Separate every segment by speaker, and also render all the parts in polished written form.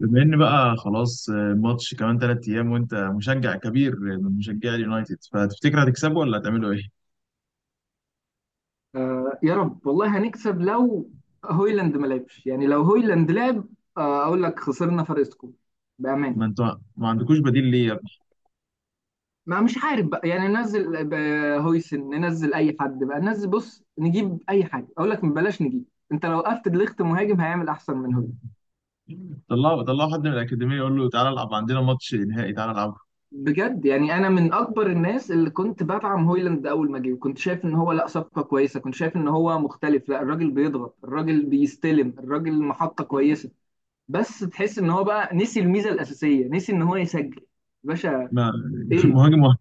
Speaker 1: بما ان بقى خلاص الماتش كمان 3 ايام، وانت مشجع كبير من مشجعي اليونايتد، فتفتكر هتكسبه ولا هتعملوا ايه؟
Speaker 2: آه، يا رب والله هنكسب لو هويلاند ما لعبش. يعني لو هويلاند لعب آه اقول لك خسرنا فرق سكور بامان.
Speaker 1: ما انتوا ما عندكوش بديل ليه يا ابني؟
Speaker 2: ما مش عارف بقى، يعني ننزل هويسن، ننزل اي حد بقى، ننزل بص نجيب اي حاجه، اقول لك بلاش نجيب. انت لو وقفت دليخت مهاجم هيعمل احسن من هويلاند.
Speaker 1: طلعوا طلعوا حد من الاكاديميه يقول له تعالى العب عندنا، ماتش نهائي تعالى العب.
Speaker 2: بجد يعني انا من اكبر الناس اللي كنت بدعم هويلاند اول ما جه، وكنت شايف ان هو لا صفقه كويسه، كنت شايف ان هو مختلف، لا الراجل بيضغط، الراجل بيستلم، الراجل محطه كويسه. بس تحس ان هو بقى نسي الميزه الاساسيه، نسي ان هو يسجل يا باشا.
Speaker 1: ما
Speaker 2: ايه،
Speaker 1: مهاجم واحد.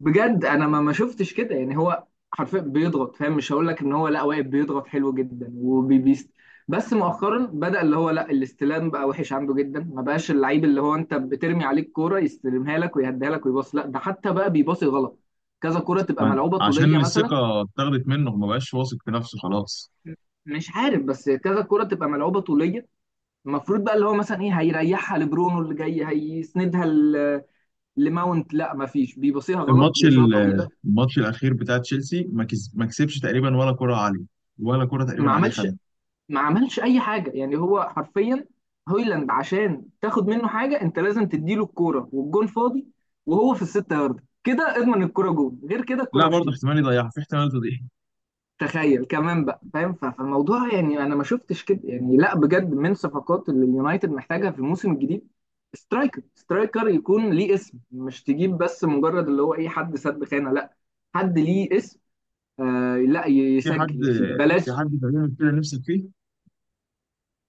Speaker 2: بجد انا ما شفتش كده، يعني هو حرفيا بيضغط، فاهم؟ مش هقول لك ان هو لا واقف بيضغط حلو جدا وبيبيست، بس مؤخرا بدأ اللي هو لا الاستلام بقى وحش عنده جدا، ما بقاش اللعيب اللي هو انت بترمي عليك كوره يستلمها لك ويهديها لك ويباص، لا ده حتى بقى بيباصي غلط. كذا كوره تبقى
Speaker 1: ما
Speaker 2: ملعوبه
Speaker 1: عشان
Speaker 2: طوليه مثلا،
Speaker 1: الثقه اتاخدت منه، ما بقاش واثق في نفسه خلاص.
Speaker 2: مش عارف، بس كذا كرة تبقى ملعوبة طولية، المفروض بقى اللي هو مثلا ايه هيريحها لبرونو، اللي جاي هيسندها لماونت، لا ما فيش، بيبصيها غلط،
Speaker 1: الماتش
Speaker 2: بيبصيها طويله.
Speaker 1: ال- الماتش الاخير بتاع تشيلسي ما كسبش تقريبا ولا كره عليه. ولا كره
Speaker 2: ما
Speaker 1: تقريبا عليه،
Speaker 2: عملش
Speaker 1: خدها.
Speaker 2: ما عملش اي حاجه، يعني هو حرفيا هويلاند عشان تاخد منه حاجه انت لازم تديله الكوره والجون فاضي، وهو في الستة يارد كده اضمن الكوره جون، غير كده الكوره
Speaker 1: لا
Speaker 2: مش
Speaker 1: برضه
Speaker 2: تيجي.
Speaker 1: احتمال يضيعها، في احتمال تضيع.
Speaker 2: تخيل كمان بقى، فاهم؟ ف- فالموضوع يعني انا ما شفتش كده، يعني لا بجد من صفقات اللي اليونايتد محتاجها في الموسم الجديد سترايكر. سترايكر يكون ليه اسم، مش تجيب بس مجرد اللي هو اي حد سد خانه، لا، حد ليه اسم. آه لا
Speaker 1: في حد
Speaker 2: يسجل يا سيدي
Speaker 1: في
Speaker 2: بلاش.
Speaker 1: حد تقريبا كده نفسك فيه؟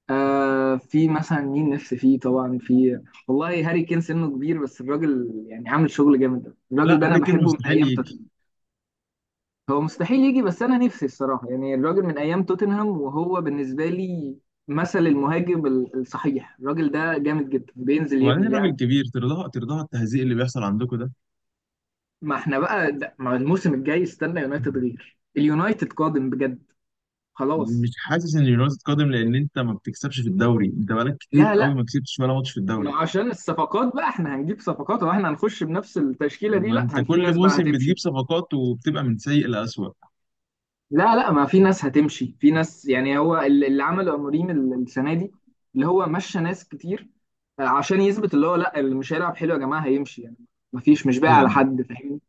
Speaker 2: آه، في مثلا مين نفسي فيه؟ طبعا في، والله هاري كين سنه كبير بس الراجل يعني عامل شغل جامد أوي.
Speaker 1: لا،
Speaker 2: الراجل ده انا
Speaker 1: هاري كين
Speaker 2: بحبه من
Speaker 1: مستحيل
Speaker 2: ايام
Speaker 1: يجي.
Speaker 2: توتنهام. هو مستحيل يجي بس انا نفسي الصراحه، يعني الراجل من ايام توتنهام وهو بالنسبه لي مثل المهاجم الصحيح، الراجل ده جامد جدا، بينزل
Speaker 1: وبعدين
Speaker 2: يبني
Speaker 1: الراجل
Speaker 2: لعب.
Speaker 1: كبير، ترضاها ترضاها التهزيق اللي بيحصل عندكم ده؟
Speaker 2: ما احنا بقى ما الموسم الجاي استنى يونايتد، غير اليونايتد قادم بجد،
Speaker 1: مش
Speaker 2: خلاص.
Speaker 1: حاسس ان يونايتد قادم، لان انت ما بتكسبش في الدوري، انت بقالك كتير قوي
Speaker 2: لا
Speaker 1: ما كسبتش ولا ماتش في الدوري.
Speaker 2: ما عشان الصفقات بقى احنا هنجيب صفقات، واحنا هنخش بنفس التشكيلة دي؟
Speaker 1: ما
Speaker 2: لا،
Speaker 1: انت
Speaker 2: في
Speaker 1: كل
Speaker 2: ناس بقى
Speaker 1: موسم بتجيب
Speaker 2: هتمشي.
Speaker 1: صفقات وبتبقى من سيء لأسوأ.
Speaker 2: لا لا، ما في ناس هتمشي، في ناس، يعني هو اللي عمله أموريم السنة دي اللي هو مشى ناس كتير، عشان يثبت اللي هو لا اللي مش هيلعب حلو يا جماعة هيمشي، يعني ما فيش، مش باقي على
Speaker 1: يعني
Speaker 2: حد، فاهمني؟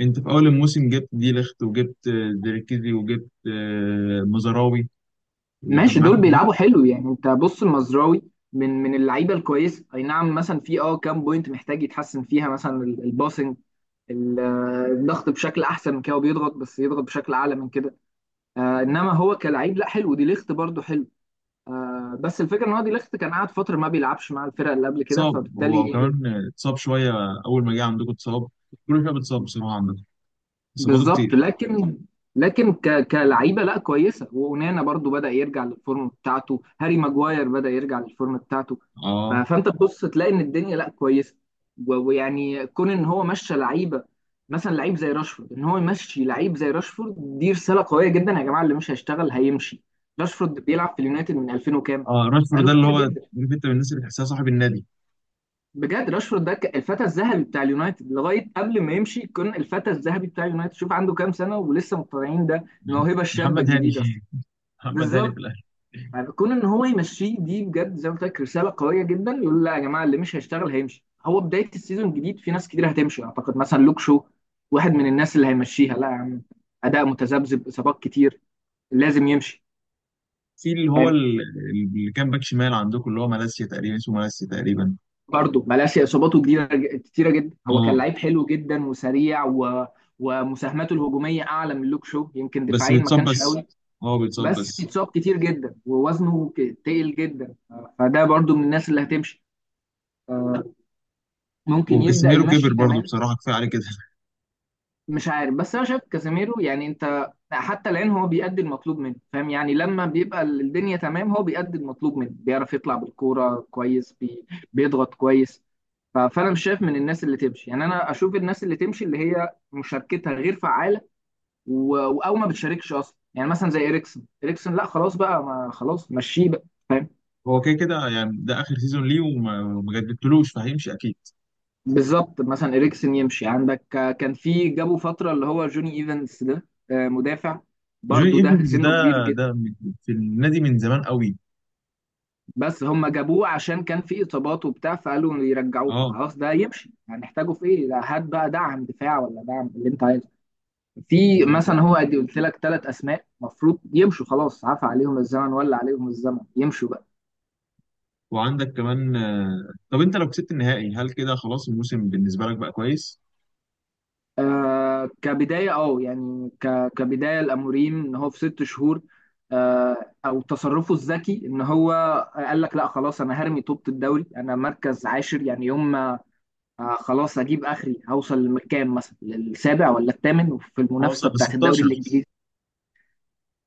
Speaker 1: انت في اول الموسم جبت دي ليخت، وجبت ديركيزي، وجبت مزراوي، وكان
Speaker 2: ماشي،
Speaker 1: معاك،
Speaker 2: دول
Speaker 1: وجبت.
Speaker 2: بيلعبوا حلو، يعني انت بص المزراوي من اللعيبة الكويسة، أي نعم مثلا في اه كام بوينت محتاج يتحسن فيها، مثلا الباسنج، الضغط بشكل أحسن من كده، وبيضغط بس يضغط بشكل أعلى من كده. آه انما هو كلاعب لا حلو. دي ليخت برضو حلو. آه بس الفكره ان هو دي ليخت كان قاعد فتره ما بيلعبش مع الفرقه اللي قبل كده،
Speaker 1: اتصاب، هو
Speaker 2: فبالتالي
Speaker 1: كمان اتصاب شويه اول ما جه عندكم، اتصاب كل شويه بتصاب بصراحه عندكم، اصاباته
Speaker 2: بالظبط،
Speaker 1: كتير.
Speaker 2: لكن لكن كلعيبه لا كويسه، وأونانا برضو بدأ يرجع للفورم بتاعته، هاري ماجواير بدأ يرجع للفورم بتاعته، ف...
Speaker 1: اه.
Speaker 2: فانت تبص تلاقي ان الدنيا لا كويسه، و... ويعني كون ان هو مشى لعيبه مثلا لعيب زي راشفورد، ان هو يمشي لعيب زي راشفورد دي رساله قويه جدا، يا جماعه اللي مش هيشتغل هيمشي. راشفورد بيلعب في اليونايتد من 2000 وكام،
Speaker 1: اه، راشفورد
Speaker 2: بقاله
Speaker 1: ده اللي
Speaker 2: كتير
Speaker 1: هو عارف.
Speaker 2: جدا.
Speaker 1: انت من الناس اللي تحسها صاحب النادي.
Speaker 2: بجد راشفورد ده الفتى الذهبي بتاع اليونايتد، لغايه قبل ما يمشي كان الفتى الذهبي بتاع اليونايتد، شوف عنده كام سنه ولسه مقتنعين ده الموهبه الشابه
Speaker 1: محمد هاني.
Speaker 2: الجديده اصلا.
Speaker 1: محمد هاني
Speaker 2: بالظبط،
Speaker 1: في الاهلي.
Speaker 2: يعني كون ان هو يمشيه دي بجد زي ما قلت لك رساله قويه جدا، يقول لا يا جماعه اللي مش هيشتغل هيمشي، هو بدايه السيزون الجديد في ناس كتير هتمشي، اعتقد مثلا لوك شو واحد من الناس اللي هيمشيها، لا يا عم اداء متذبذب اصابات كتير، لازم يمشي.
Speaker 1: في اللي كان باك شمال عندكم، اللي هو مالاسيا تقريبا، اسمه مالاسيا تقريبا.
Speaker 2: برضه مالاسيا اصاباته جديده كتيره جدا، هو كان
Speaker 1: اه،
Speaker 2: لعيب حلو جدا وسريع و... ومساهماته الهجوميه اعلى من لوك شو، يمكن
Speaker 1: بس
Speaker 2: دفاعيا ما
Speaker 1: بيتصاب
Speaker 2: كانش
Speaker 1: بس.
Speaker 2: قوي،
Speaker 1: اه بيتصاب
Speaker 2: بس
Speaker 1: بس.
Speaker 2: بيتصاب كتير جدا ووزنه تقل جدا، فده برضه من الناس اللي هتمشي. آه، ممكن يبدا
Speaker 1: وكاسيميرو كبر
Speaker 2: يمشي
Speaker 1: برضه،
Speaker 2: كمان.
Speaker 1: بصراحه كفايه عليه كده.
Speaker 2: مش عارف، بس انا شايف كازيميرو، يعني انت حتى الان هو بيأدي المطلوب منه، فاهم؟ يعني لما بيبقى الدنيا تمام هو بيأدي المطلوب منه، بيعرف يطلع بالكوره كويس، بيضغط كويس، ف- فانا مش شايف من الناس اللي تمشي، يعني انا اشوف الناس اللي تمشي اللي هي مشاركتها غير فعاله، او ما بتشاركش اصلا، يعني مثلا زي اريكسن. اريكسن لا خلاص بقى، ما خلاص مشيه بقى، فاهم؟
Speaker 1: هو كده كده، يعني ده اخر سيزون ليه وما جددتلوش، فهيمشي اكيد.
Speaker 2: بالظبط. مثلا اريكسن يمشي، عندك آه، كان في جابوا فتره اللي هو جوني ايفنس ده آه، مدافع،
Speaker 1: جوني
Speaker 2: برضو ده
Speaker 1: ايفنز ده
Speaker 2: سنه كبير،
Speaker 1: ده في النادي من زمان قوي.
Speaker 2: بس هم جابوه عشان كان في اصابات وبتاع فقالوا يرجعوه،
Speaker 1: اه.
Speaker 2: فخلاص ده يمشي، هنحتاجه في ايه ده، هات بقى دعم دفاع، ولا دعم اللي انت عايزه. في
Speaker 1: و-
Speaker 2: مثلا هو ادي قلت لك ثلاث اسماء مفروض يمشوا، خلاص عفى عليهم الزمن، ولا عليهم الزمن يمشوا بقى.
Speaker 1: وعندك كمان، طب انت لو كسبت النهائي هل كده خلاص الموسم بالنسبه لك بقى كويس؟
Speaker 2: آه كبدايه، اه يعني كبدايه الاموريم، ان هو في ست شهور، آه، او تصرفه الذكي، ان هو قال لك لا خلاص انا هرمي طوبة الدوري، انا مركز عاشر يعني، يوم ما آه خلاص اجيب اخري هوصل للكام، مثلا للسابع ولا الثامن في المنافسه
Speaker 1: هوصل ل
Speaker 2: بتاعت الدوري
Speaker 1: 16.
Speaker 2: الانجليزي.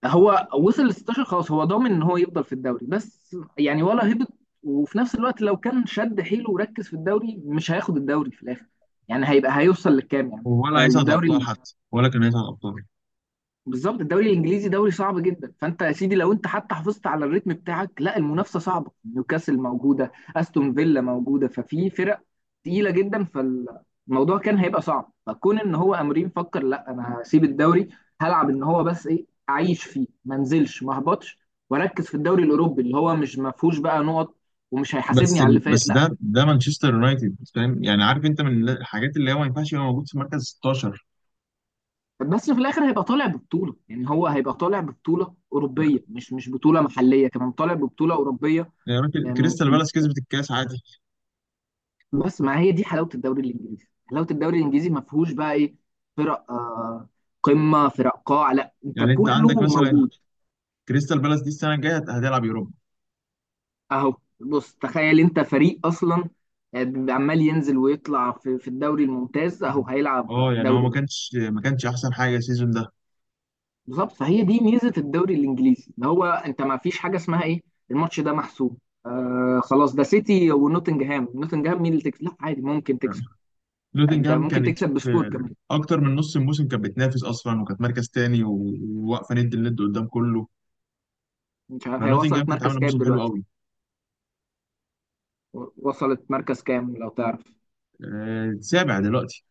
Speaker 2: هو وصل ل 16، خلاص هو ضامن ان هو يفضل في الدوري، بس يعني ولا هبط. وفي نفس الوقت لو كان شد حيله وركز في الدوري مش هياخد الدوري في الاخر، يعني هيبقى هيوصل للكام يعني،
Speaker 1: ولا هيصعد الابطال
Speaker 2: فالدوري
Speaker 1: حتى، ولا كان هيصعد الابطال.
Speaker 2: بالظبط الدوري الانجليزي دوري صعب جدا، فانت يا سيدي لو انت حتى حافظت على الريتم بتاعك لا المنافسه صعبه، نيوكاسل موجوده، استون فيلا موجوده، ففي فرق تقيله جدا، فالموضوع كان هيبقى صعب، فكون ان هو امرين فكر لا انا هسيب الدوري، هلعب ان هو بس ايه اعيش فيه ما انزلش ما اهبطش، واركز في الدوري الاوروبي اللي هو مش ما فيهوش بقى نقط، ومش هيحاسبني على اللي فات
Speaker 1: بس
Speaker 2: لا.
Speaker 1: ده مانشستر يونايتد، فاهم يعني؟ عارف انت من الحاجات اللي هو ما ينفعش يبقى موجود في مركز 16.
Speaker 2: بس في الاخر هيبقى طالع ببطوله، يعني هو هيبقى طالع ببطوله اوروبيه، مش بطوله محليه، كمان طالع ببطوله اوروبيه،
Speaker 1: يعني راجل
Speaker 2: يعني
Speaker 1: كريستال بالاس كسبت الكاس عادي.
Speaker 2: بس ما هي دي حلاوه الدوري الانجليزي. حلاوه الدوري الانجليزي ما فيهوش بقى ايه، فرق آه قمه فرق قاع، لا انت
Speaker 1: يعني انت
Speaker 2: كله
Speaker 1: عندك مثلا،
Speaker 2: موجود.
Speaker 1: كريستال بالاس دي السنه الجايه هتلعب يوروبا.
Speaker 2: اهو بص تخيل انت فريق اصلا آه، عمال ينزل ويطلع في الدوري الممتاز، اهو هيلعب
Speaker 1: اه، يعني هو
Speaker 2: دوري.
Speaker 1: ما كانش احسن حاجه السيزون ده.
Speaker 2: بالظبط، فهي دي ميزه الدوري الانجليزي، اللي هو انت ما فيش حاجه اسمها ايه الماتش ده محسوب. آه خلاص ده سيتي ونوتنجهام، نوتنجهام مين اللي تكسب، لا عادي ممكن تكسب، ده
Speaker 1: نوتنجهام
Speaker 2: ممكن
Speaker 1: كانت
Speaker 2: تكسب بسكور
Speaker 1: في
Speaker 2: كمان.
Speaker 1: اكتر من نص الموسم، كانت بتنافس اصلا، وكانت مركز تاني، وواقفه ند لند قدام كله.
Speaker 2: مش عارف هي
Speaker 1: فنوتنجهام
Speaker 2: وصلت
Speaker 1: كانت
Speaker 2: مركز
Speaker 1: عامله
Speaker 2: كام
Speaker 1: موسم حلو
Speaker 2: دلوقتي،
Speaker 1: قوي.
Speaker 2: وصلت مركز كام لو تعرف؟
Speaker 1: سابع دلوقتي.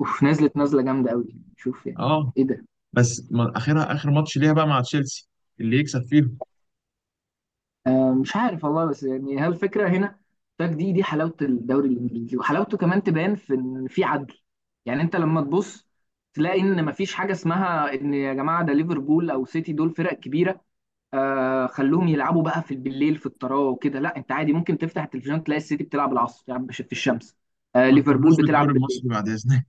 Speaker 2: اوف، نزلت نزله جامده قوي، شوف يعني،
Speaker 1: اه
Speaker 2: ايه ده.
Speaker 1: بس اخرها اخر ماتش ليها بقى مع تشيلسي، اللي يكسب فيهم.
Speaker 2: آه، مش عارف والله، بس يعني هل الفكره هنا، ده دي دي حلاوه الدوري الانجليزي، وحلاوته كمان تبان في ان في عدل، يعني انت لما تبص تلاقي ان مفيش حاجه اسمها ان يا جماعه ده ليفربول او سيتي دول فرق كبيره، آه خلوهم يلعبوا بقى في بالليل في الطراوه وكده، لا انت عادي ممكن تفتح التلفزيون تلاقي السيتي بتلعب العصر يعني في الشمس، آه
Speaker 1: ما
Speaker 2: ليفربول
Speaker 1: تقارنوش بالدوري
Speaker 2: بتلعب بالليل.
Speaker 1: المصري بعد اذنك.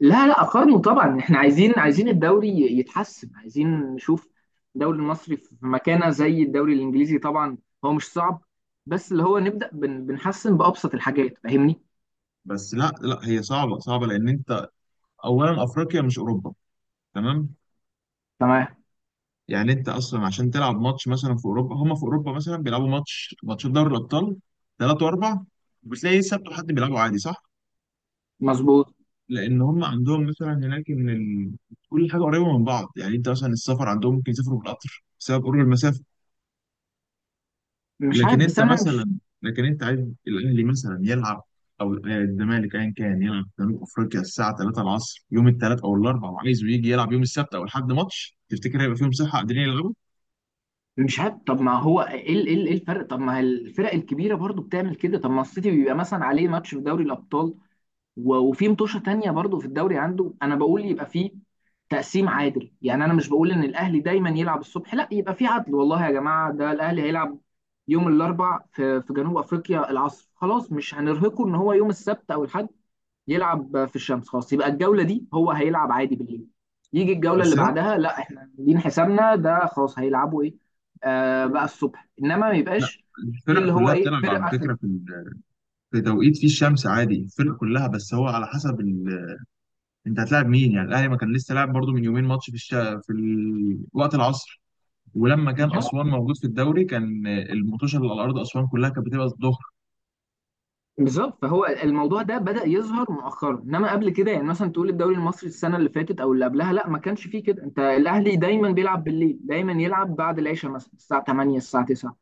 Speaker 2: لا لا، اقارنه طبعا، احنا عايزين، عايزين الدوري يتحسن، عايزين نشوف الدوري المصري في مكانه زي الدوري الانجليزي طبعا. هو مش صعب، بس اللي هو نبدا بنحسن بابسط الحاجات، فاهمني؟
Speaker 1: بس لا لا، هي صعبه صعبه لان انت اولا افريقيا مش اوروبا، تمام؟
Speaker 2: تمام،
Speaker 1: يعني انت اصلا عشان تلعب ماتش مثلا في اوروبا، هم في اوروبا مثلا بيلعبوا ماتشات دوري الابطال ثلاثة واربع، بتلاقي سبت وحد بيلعبوا عادي، صح؟
Speaker 2: مظبوط.
Speaker 1: لان هم عندهم مثلا هناك ان كل حاجه قريبه من بعض، يعني انت مثلا السفر عندهم ممكن يسافروا بالقطر بسبب قرب المسافه.
Speaker 2: مش عارف بس انا مش،
Speaker 1: لكن انت عايز الاهلي مثلا يلعب، او الزمالك ايا كان يلعب في جنوب افريقيا الساعه 3 العصر يوم الثلاث او الاربعاء، وعايزه يجي يلعب يوم السبت او الحد ماتش، تفتكر هيبقى فيهم صحه قادرين يلعبوا؟
Speaker 2: مش عارف طب ما هو ايه ايه إيه الفرق، طب ما الفرق الكبيره برضو بتعمل كده، طب ما السيتي بيبقى مثلا عليه ماتش في دوري الابطال، و- وفي متوشه تانية برضو في الدوري عنده، انا بقول يبقى فيه تقسيم عادل، يعني انا مش بقول ان الاهلي دايما يلعب الصبح لا، يبقى فيه عدل، والله يا جماعه ده الاهلي هيلعب يوم الاربع في جنوب افريقيا العصر، خلاص مش هنرهقه ان هو يوم السبت او الاحد يلعب في الشمس، خلاص يبقى الجوله دي هو هيلعب عادي بالليل، يجي الجوله
Speaker 1: بس
Speaker 2: اللي
Speaker 1: لا.
Speaker 2: بعدها لا احنا عاملين حسابنا ده خلاص هيلعبوا ايه، آه بقى الصبح، انما ما
Speaker 1: لا،
Speaker 2: يبقاش في
Speaker 1: الفرق
Speaker 2: اللي هو
Speaker 1: كلها
Speaker 2: ايه
Speaker 1: بتلعب على
Speaker 2: فرق اخر.
Speaker 1: فكره في في توقيت فيه الشمس عادي الفرق كلها، بس هو على حسب انت هتلاعب مين، يعني الاهلي ما كان لسه لاعب برضو من يومين ماتش وقت العصر. ولما كان اسوان موجود في الدوري، كان المطوشه اللي على ارض اسوان كلها كانت بتبقى الظهر.
Speaker 2: بالظبط، فهو الموضوع ده بدأ يظهر مؤخرا، انما قبل كده يعني مثلا تقول الدوري المصري السنه اللي فاتت او اللي قبلها لا ما كانش فيه كده، انت الاهلي دايما بيلعب بالليل، دايما يلعب بعد العشاء مثلا الساعه 8 الساعه 9،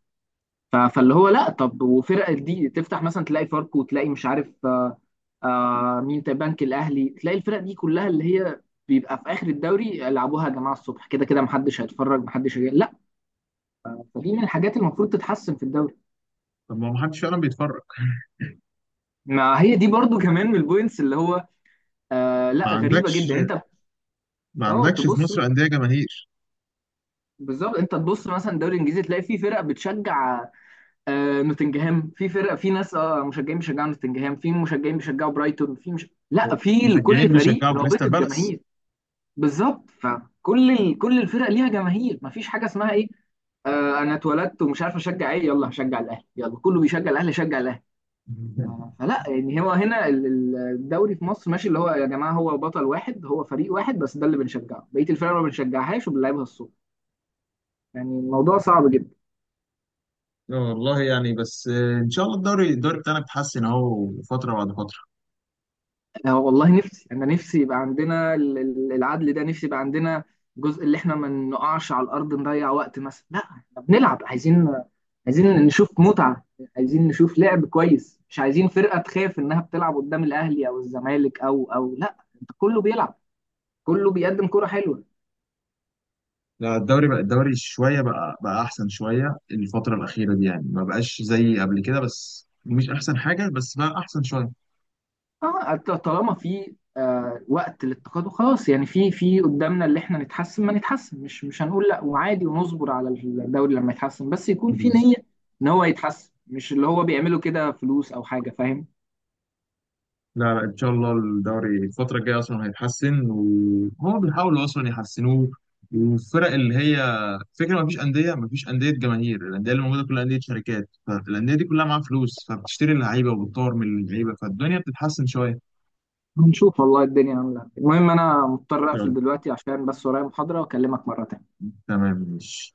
Speaker 2: ف- فاللي هو لا طب وفرق دي تفتح مثلا تلاقي فاركو وتلاقي مش عارف مين تاني، بنك الاهلي، تلاقي الفرق دي كلها اللي هي بيبقى في اخر الدوري يلعبوها يا جماعه الصبح، كده كده محدش هيتفرج محدش لا، فدي من الحاجات اللي المفروض تتحسن في الدوري.
Speaker 1: طب ما حدش فعلا بيتفرج.
Speaker 2: ما هي دي برضو كمان من البوينتس اللي هو آه
Speaker 1: ما
Speaker 2: لا غريبه
Speaker 1: عندكش
Speaker 2: جدا.
Speaker 1: ما
Speaker 2: اه
Speaker 1: عندكش في
Speaker 2: تبص،
Speaker 1: مصر أندية جماهير.
Speaker 2: بالظبط انت تبص مثلا الدوري الانجليزي تلاقي في فرق بتشجع آه نوتنجهام، في فرق في ناس اه مشجعين بيشجعوا نوتنجهام، في مشجعين بيشجعوا برايتون، في مش لا في لكل
Speaker 1: مشجعين
Speaker 2: فريق
Speaker 1: بيشجعوا
Speaker 2: رابطه
Speaker 1: كريستال بالاس.
Speaker 2: جماهير. بالظبط، فكل كل الفرق ليها جماهير، مفيش حاجه اسمها ايه آه انا اتولدت ومش عارف اشجع ايه، يلا هشجع الاهلي، يلا كله بيشجع الاهلي شجع الاهلي، آه، فلا يعني هو هنا الدوري في مصر ماشي اللي هو يا جماعه هو بطل واحد، هو فريق واحد بس ده اللي بنشجعه، بقيه الفرق ما بنشجعهاش وبنلعبها الصبح، يعني الموضوع صعب جدا.
Speaker 1: لا والله، يعني بس ان شاء الله الدوري بتاعنا بيتحسن اهو فتره بعد فتره.
Speaker 2: انا والله نفسي، انا نفسي يبقى عندنا العدل ده، نفسي يبقى عندنا جزء اللي احنا ما نقعش على الارض نضيع وقت، مثلا لا احنا بنلعب، عايزين عايزين نشوف متعة، عايزين نشوف لعب كويس، مش عايزين فرقة تخاف انها بتلعب قدام الاهلي او الزمالك او لا انت كله بيلعب، كله بيقدم كرة حلوة.
Speaker 1: لا، الدوري بقى الدوري شويه بقى احسن شويه الفتره الاخيره دي، يعني ما بقاش زي قبل كده، بس مش احسن حاجه، بس بقى احسن
Speaker 2: اه طالما في آه وقت للتقادم خلاص، يعني في قدامنا اللي احنا نتحسن ما نتحسن، مش هنقول لا، وعادي ونصبر على الدوري لما يتحسن، بس يكون في
Speaker 1: شويه.
Speaker 2: نية ان هو يتحسن، مش اللي هو بيعمله كده فلوس او حاجة، فاهم؟
Speaker 1: لا لا، ان شاء الله الدوري الفتره الجايه اصلا هيتحسن، وهما بيحاولوا اصلا يحسنوه. والفرق اللي هي فكره، ما فيش انديه جماهير، الانديه اللي موجوده كلها انديه شركات، فالانديه دي كلها معاها فلوس، فبتشتري اللعيبه وبتطور من اللعيبه، فالدنيا بتتحسن شويه ان
Speaker 2: هنشوف والله الدنيا عاملة إيه. المهم انا مضطر
Speaker 1: شاء
Speaker 2: اقفل
Speaker 1: الله.
Speaker 2: دلوقتي عشان بس ورايا محاضرة، واكلمك مرة تانية.
Speaker 1: تمام ماشي.